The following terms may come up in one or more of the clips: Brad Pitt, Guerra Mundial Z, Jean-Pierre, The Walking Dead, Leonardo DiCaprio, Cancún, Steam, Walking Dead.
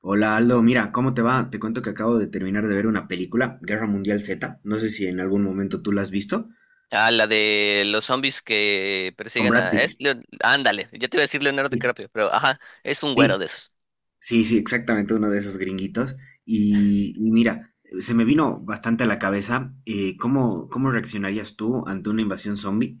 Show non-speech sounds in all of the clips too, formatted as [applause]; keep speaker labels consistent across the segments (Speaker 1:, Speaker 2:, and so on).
Speaker 1: Hola Aldo, mira, ¿cómo te va? Te cuento que acabo de terminar de ver una película, Guerra Mundial Z. No sé si en algún momento tú la has visto.
Speaker 2: Ah, la de los zombies que
Speaker 1: Con
Speaker 2: persiguen
Speaker 1: Brad
Speaker 2: a...
Speaker 1: Pitt.
Speaker 2: Es Leo- Ándale, ya te iba a decir Leonardo
Speaker 1: Sí,
Speaker 2: DiCaprio, pero ajá, es un güero
Speaker 1: sí.
Speaker 2: de esos.
Speaker 1: Sí, sí, exactamente uno de esos gringuitos. Y mira, se me vino bastante a la cabeza cómo, ¿cómo reaccionarías tú ante una invasión zombie?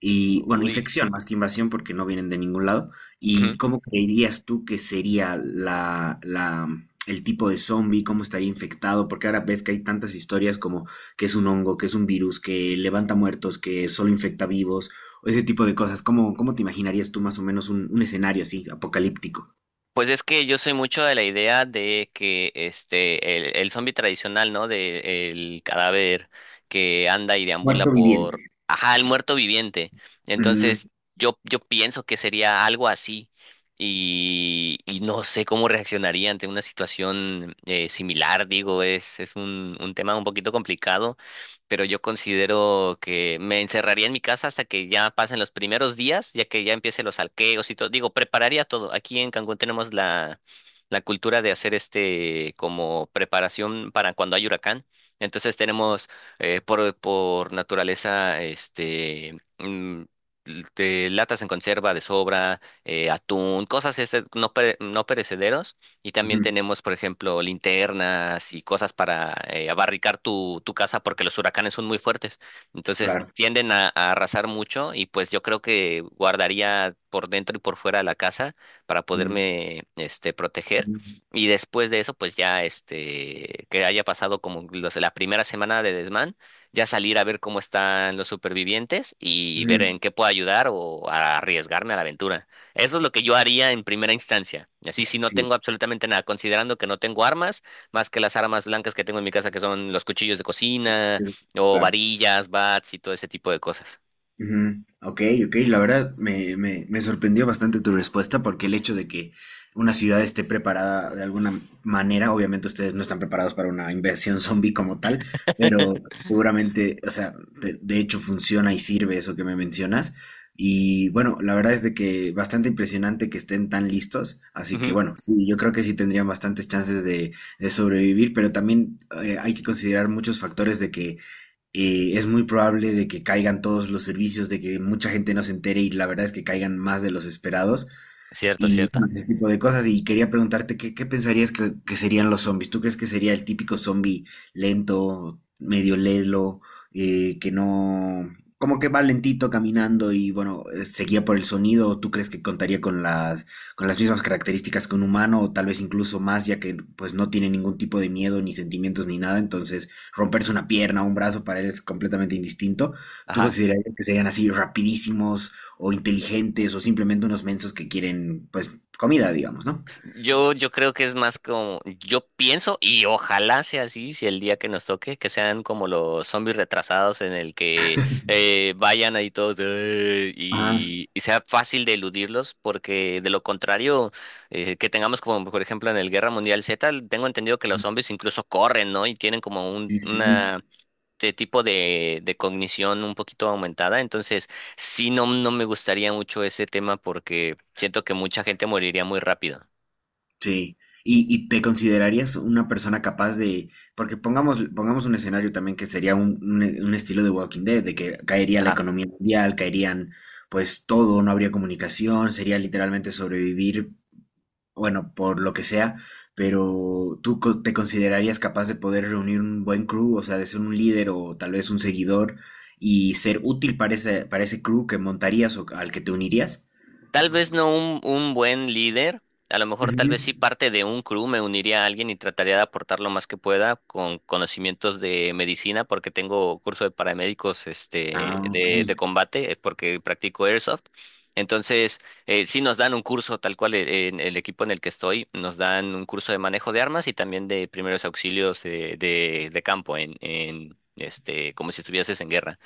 Speaker 1: Y bueno,
Speaker 2: Uy.
Speaker 1: infección más que invasión porque no vienen de ningún lado. ¿Y
Speaker 2: Ujú.
Speaker 1: cómo creerías tú que sería el tipo de zombie? ¿Cómo estaría infectado? Porque ahora ves que hay tantas historias como que es un hongo, que es un virus, que levanta muertos, que solo infecta vivos, o ese tipo de cosas. ¿Cómo, cómo te imaginarías tú más o menos un escenario así, apocalíptico?
Speaker 2: Pues es que yo soy mucho de la idea de que el zombie tradicional, ¿no? De el cadáver que anda y deambula
Speaker 1: Muerto viviente.
Speaker 2: por... Ajá, el muerto viviente.
Speaker 1: Mm,
Speaker 2: Entonces, yo pienso que sería algo así. Y no sé cómo reaccionaría ante una situación similar. Digo, es un tema un poquito complicado, pero yo considero que me encerraría en mi casa hasta que ya pasen los primeros días, ya que ya empiecen los alqueos y todo. Digo, prepararía todo. Aquí en Cancún tenemos la cultura de hacer este como preparación para cuando hay huracán. Entonces tenemos por naturaleza este l- de latas en conserva de sobra, atún, cosas este, no, pere- no perecederos, y también
Speaker 1: ujú,
Speaker 2: tenemos, por ejemplo, linternas y cosas para abarricar tu casa, porque los huracanes son muy fuertes. Entonces
Speaker 1: claro.
Speaker 2: tienden a arrasar mucho y pues yo creo que guardaría por dentro y por fuera la casa para
Speaker 1: Mm,
Speaker 2: poderme este, proteger.
Speaker 1: mm,
Speaker 2: Y después de eso, pues ya este, que haya pasado como los- la primera semana de desmán, ya salir a ver cómo están los supervivientes y ver en
Speaker 1: mm,
Speaker 2: qué puedo ayudar o a arriesgarme a la aventura. Eso es lo que yo haría en primera instancia. Y así, si no
Speaker 1: sí,
Speaker 2: tengo absolutamente nada, considerando que no tengo armas, más que las armas blancas que tengo en mi casa, que son los cuchillos de cocina,
Speaker 1: es-
Speaker 2: o
Speaker 1: claro.
Speaker 2: varillas, bats y todo ese tipo de cosas.
Speaker 1: Ujú. Ok, ok, la verdad me sorprendió bastante tu respuesta porque el hecho de que una ciudad esté preparada de alguna manera, obviamente ustedes no están preparados para una inversión [laughs] zombie como tal, pero
Speaker 2: [laughs]
Speaker 1: seguramente, o sea, de hecho funciona y sirve eso que me mencionas. Y bueno, la verdad es de que bastante impresionante que estén tan listos, así que
Speaker 2: Ujú.
Speaker 1: bueno, sí, yo creo que sí tendrían bastantes chances de sobrevivir, pero también hay que considerar muchos factores de que es muy probable de que caigan todos los servicios, de que mucha gente no se entere y la verdad es que caigan más de los esperados
Speaker 2: Cierto,
Speaker 1: y
Speaker 2: cierto.
Speaker 1: bueno, ese tipo de cosas. Y quería preguntarte, ¿qué, qué pensarías que serían los zombies? ¿Tú crees que sería el típico zombie lento, medio lelo, que no, como que va lentito caminando y bueno, seguía por el sonido? ¿O tú crees que contaría con las mismas características que un humano o tal vez incluso más, ya que pues no tiene ningún tipo de miedo ni sentimientos ni nada? Entonces, romperse una pierna o un brazo para él es completamente indistinto. ¿Tú
Speaker 2: Ajá.
Speaker 1: considerarías que serían así rapidísimos, o inteligentes o simplemente unos mensos que quieren, pues, comida, digamos, ¿no?
Speaker 2: Yo creo que es más como, yo pienso y ojalá sea así, si el día que nos toque, que sean como los zombies retrasados, en el que vayan ahí todos
Speaker 1: Ah,
Speaker 2: y sea fácil de eludirlos, porque de lo contrario, que tengamos como por ejemplo en el Guerra Mundial Z, tengo entendido que los zombies incluso corren, ¿no? Y tienen como un,
Speaker 1: sí, sí.
Speaker 2: una... de tipo de cognición un poquito aumentada. Entonces sí, no, no me gustaría mucho ese tema porque siento que mucha gente moriría muy rápido.
Speaker 1: Sí. Y te considerarías una persona capaz de, porque pongamos, pongamos un escenario también que sería un estilo de Walking Dead, de que caería la
Speaker 2: Ajá.
Speaker 1: economía mundial, caerían pues todo, no habría comunicación, sería literalmente sobrevivir bueno, por lo que sea, pero ¿ te considerarías capaz de poder reunir un buen crew, o sea, de ser un líder o tal vez un seguidor y ser útil para ese crew que montarías o al que te unirías?
Speaker 2: Tal vez no un, un buen líder, a lo mejor tal
Speaker 1: Ujú.
Speaker 2: vez sí parte de un crew, me uniría a alguien y trataría de aportar lo más que pueda con conocimientos de medicina, porque tengo curso de paramédicos
Speaker 1: Ah,
Speaker 2: este, de
Speaker 1: ok.
Speaker 2: combate, porque practico airsoft. Entonces, sí nos dan un curso, tal cual en el equipo en el que estoy, nos dan un curso de manejo de armas y también de primeros auxilios de campo, este, como si estuvieses en guerra.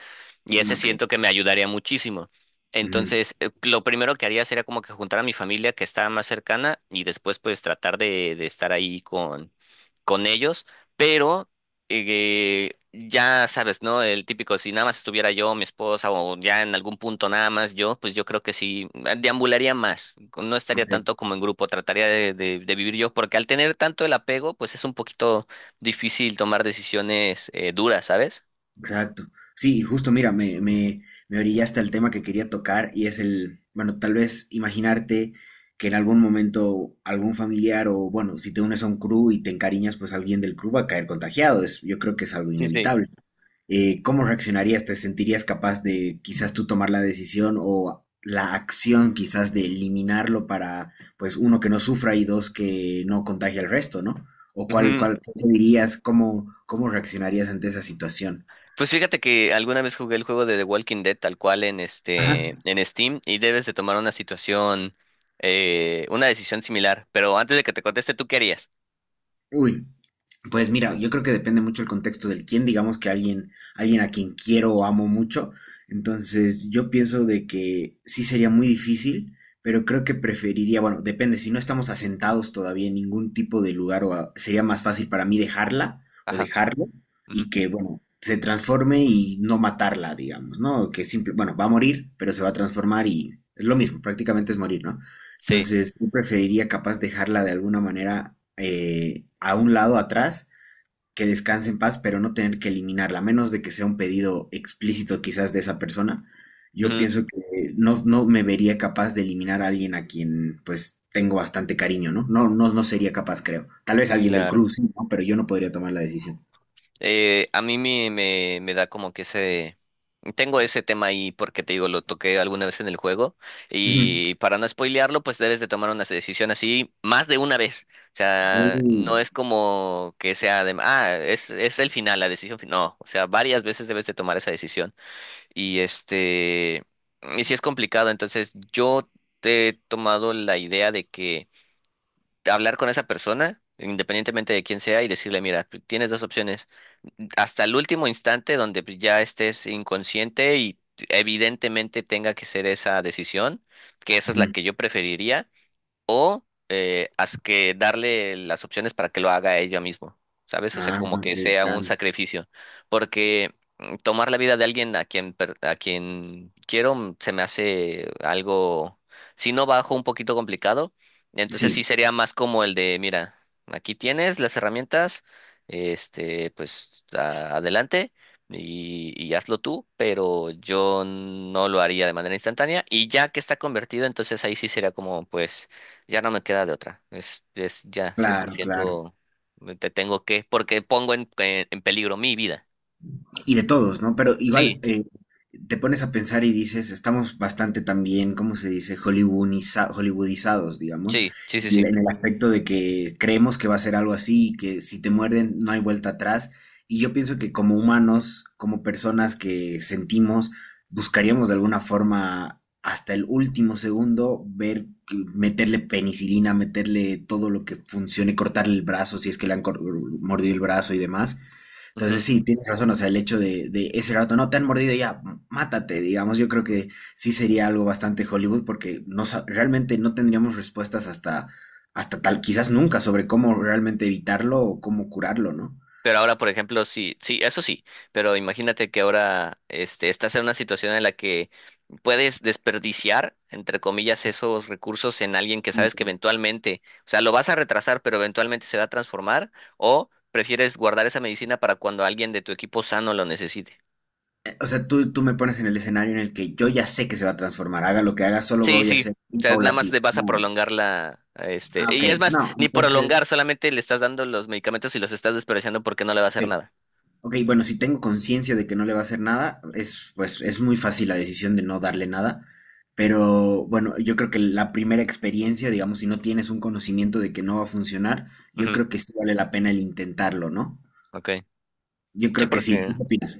Speaker 2: Y
Speaker 1: Mm,
Speaker 2: ese
Speaker 1: ok.
Speaker 2: siento que me ayudaría muchísimo.
Speaker 1: Ujú,
Speaker 2: Entonces, lo primero que haría sería como que juntar a mi familia que está más cercana y después pues tratar de estar ahí con ellos. Pero ya sabes, ¿no? El típico, si nada más estuviera yo, mi esposa, o ya en algún punto nada más yo, pues yo creo que sí, deambularía más. No estaría
Speaker 1: ok.
Speaker 2: tanto como en grupo, trataría de vivir yo, porque al tener tanto el apego, pues es un poquito difícil tomar decisiones duras, ¿sabes?
Speaker 1: Exacto. Sí, y justo mira, me orillaste al tema que quería tocar y es el, bueno, tal vez imaginarte que en algún momento algún familiar o, bueno, si te unes a un crew y te encariñas, pues alguien del crew va a caer contagiado. Es, yo creo que es algo
Speaker 2: Sí, sí.
Speaker 1: inevitable. ¿Cómo reaccionarías? ¿Te sentirías capaz de quizás tú tomar la decisión o la acción quizás de eliminarlo para, pues, uno, que no sufra y dos, que no contagie al resto, ¿no? ¿O cuál, cuál, qué te dirías? ¿Cómo, cómo reaccionarías ante esa situación?
Speaker 2: Pues fíjate que alguna vez jugué el juego de The Walking Dead tal cual en este
Speaker 1: Ajá.
Speaker 2: en Steam y debes de tomar una situación, una decisión similar. Pero antes de que te conteste, ¿tú qué harías?
Speaker 1: Uy, pues mira, yo creo que depende mucho el contexto del quién, digamos que alguien, alguien a quien quiero o amo mucho. Entonces, yo pienso de que sí sería muy difícil, pero creo que preferiría, bueno, depende, si no estamos asentados todavía en ningún tipo de lugar, sería más fácil para mí dejarla o
Speaker 2: Ajá.
Speaker 1: dejarlo
Speaker 2: Ujú.
Speaker 1: y que, bueno, se transforme y no matarla, digamos, ¿no? Que simple, bueno, va a morir, pero se va a transformar y es lo mismo, prácticamente es morir, ¿no?
Speaker 2: Sí.
Speaker 1: Entonces, yo preferiría capaz dejarla de alguna manera a un lado atrás, que descanse en paz, pero no tener que eliminarla, a menos de que sea un pedido explícito quizás de esa persona. Yo
Speaker 2: Ujú,
Speaker 1: pienso que no, no me vería capaz de eliminar a alguien a quien pues tengo bastante cariño, ¿no? No, no, no sería capaz, creo. Tal vez alguien del
Speaker 2: claro.
Speaker 1: cruz, sí, ¿no? Pero yo no podría tomar la decisión.
Speaker 2: A mí me da como que ese... Tengo ese tema ahí porque te digo, lo toqué alguna vez en el juego
Speaker 1: Ujú.
Speaker 2: y, para no spoilearlo, pues debes de tomar una decisión así más de una vez. O
Speaker 1: Uh,
Speaker 2: sea, no es como que sea de, ah, es el final, la decisión final. No, o sea, varias veces debes de tomar esa decisión. Y este, y si es complicado. Entonces, yo te he tomado la idea de que hablar con esa persona, independientemente de quién sea, y decirle, mira, tienes dos opciones hasta el último instante, donde ya estés inconsciente y evidentemente tenga que ser esa decisión, que esa es la
Speaker 1: ujú.
Speaker 2: que yo preferiría. Eh, haz que darle las opciones para que lo haga ella misma, ¿sabes? O sea,
Speaker 1: Ah,
Speaker 2: como
Speaker 1: ok,
Speaker 2: que sea un
Speaker 1: claro.
Speaker 2: sacrificio, porque mm, tomar la vida de alguien a quien, per- a quien quiero, mm, se me hace algo, si no bajo, un poquito complicado. Entonces
Speaker 1: Sí,
Speaker 2: sí sería más como el de, mira, aquí tienes las herramientas, este, pues a- adelante. Y hazlo tú, pero yo no lo haría de manera instantánea. Y ya que está convertido, entonces ahí sí sería como, pues, ya no me queda de otra. Es ya
Speaker 1: claro, claro.
Speaker 2: 100% me- te tengo que, porque pongo en peligro mi vida.
Speaker 1: Y de todos, ¿no? Pero igual
Speaker 2: Sí,
Speaker 1: te pones a pensar y dices, estamos bastante también, ¿cómo se dice? Hollywoodizados, digamos,
Speaker 2: sí, sí, sí, sí.
Speaker 1: en el aspecto de que creemos que va a ser algo así y que si te muerden no hay vuelta atrás. Y yo pienso que como humanos, como personas que sentimos, buscaríamos de alguna forma hasta el último segundo ver, meterle penicilina, meterle todo lo que funcione, cortarle el brazo si es que mordido el brazo y demás, entonces
Speaker 2: Ujú.
Speaker 1: sí, tienes razón, o sea, el hecho de ese rato no te han mordido ya, mátate, digamos, yo creo que sí sería algo bastante Hollywood porque no, realmente no tendríamos respuestas hasta, hasta tal, quizás nunca, sobre cómo realmente evitarlo o cómo curarlo, ¿no?
Speaker 2: Pero ahora, por ejemplo, sí, sí, eso sí. Pero imagínate que ahora este, estás en una situación en la que puedes desperdiciar, entre comillas, esos recursos en alguien que
Speaker 1: Mm.
Speaker 2: sabes que eventualmente, o sea, lo vas a retrasar, pero eventualmente se va a transformar, o prefieres guardar esa medicina para cuando alguien de tu equipo sano lo necesite.
Speaker 1: O sea, tú me pones en el escenario en el que yo ya sé que se va a transformar, haga lo que haga, solo
Speaker 2: Sí,
Speaker 1: voy a
Speaker 2: sí,
Speaker 1: hacer un
Speaker 2: ya nada más
Speaker 1: paulatino.
Speaker 2: le vas a
Speaker 1: No.
Speaker 2: prolongar la, a este,
Speaker 1: Ah, ok,
Speaker 2: y es más,
Speaker 1: no,
Speaker 2: ni
Speaker 1: entonces,
Speaker 2: prolongar, solamente le estás dando los medicamentos y los estás desperdiciando porque no le va a
Speaker 1: ok,
Speaker 2: hacer nada.
Speaker 1: ok, bueno, si tengo conciencia de que no le va a hacer nada, es, pues, es muy fácil la decisión de no darle nada. Pero bueno, yo creo que la primera experiencia, digamos, si no tienes un conocimiento de que no va a funcionar, yo
Speaker 2: Ujú,
Speaker 1: creo que sí vale la pena el intentarlo, ¿no?
Speaker 2: ok.
Speaker 1: Yo
Speaker 2: Sí,
Speaker 1: creo que sí. ¿Tú
Speaker 2: porque
Speaker 1: qué opinas?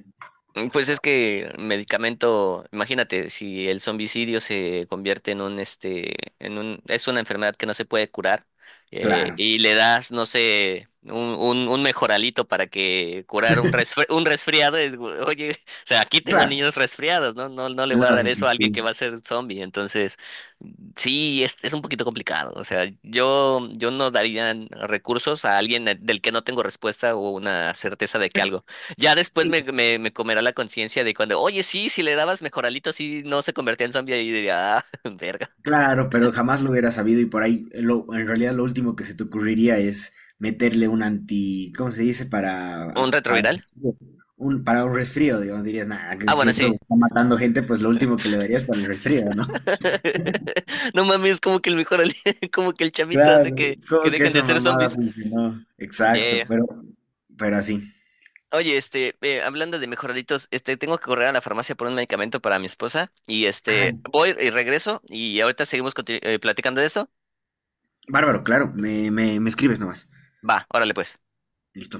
Speaker 2: mm, pues es que medicamento, imagínate, si el zombicidio se convierte en un, este, en un, es una enfermedad que no se puede curar,
Speaker 1: Claro,
Speaker 2: y le das, no sé, un mejoralito para que curar un resfri- un resfriado, es, gu- oye, [laughs] o sea, aquí tengo
Speaker 1: claro.
Speaker 2: niños resfriados, ¿no? No, no le voy a dar
Speaker 1: Lógico,
Speaker 2: eso a alguien que
Speaker 1: sí.
Speaker 2: va a ser zombie. Entonces, sí, es un poquito complicado, o sea, yo no daría recursos a alguien del que no tengo respuesta o una certeza de que algo ya después
Speaker 1: Sí,
Speaker 2: me comerá la conciencia de cuando, oye, sí, si le dabas mejoralito, sí, no se convertía en zombie, y diría, ah, [laughs] verga.
Speaker 1: claro, pero jamás lo hubiera sabido y por ahí en realidad lo último que se te ocurriría es meterle un anti, ¿cómo se dice?
Speaker 2: ¿Un retroviral?
Speaker 1: Para un resfrío, digamos, dirías, nada, que
Speaker 2: Ah,
Speaker 1: si
Speaker 2: bueno,
Speaker 1: esto
Speaker 2: sí.
Speaker 1: está matando gente, pues lo último que le darías para el resfrío, ¿no? [laughs]
Speaker 2: [laughs] No mames, como que el mejoralito [laughs] como que el chamito hace
Speaker 1: Claro,
Speaker 2: que
Speaker 1: como que
Speaker 2: dejen de
Speaker 1: esa
Speaker 2: ser
Speaker 1: mamada
Speaker 2: zombies.
Speaker 1: funcionó. Exacto,
Speaker 2: Yeah.
Speaker 1: pero así.
Speaker 2: Oye, este, hablando de mejoralitos, este, tengo que correr a la farmacia por un medicamento para mi esposa y
Speaker 1: Ah,
Speaker 2: este, voy y regreso y ahorita seguimos conti- platicando de eso.
Speaker 1: bárbaro, claro, me escribes nomás.
Speaker 2: Va, órale pues.
Speaker 1: Listo.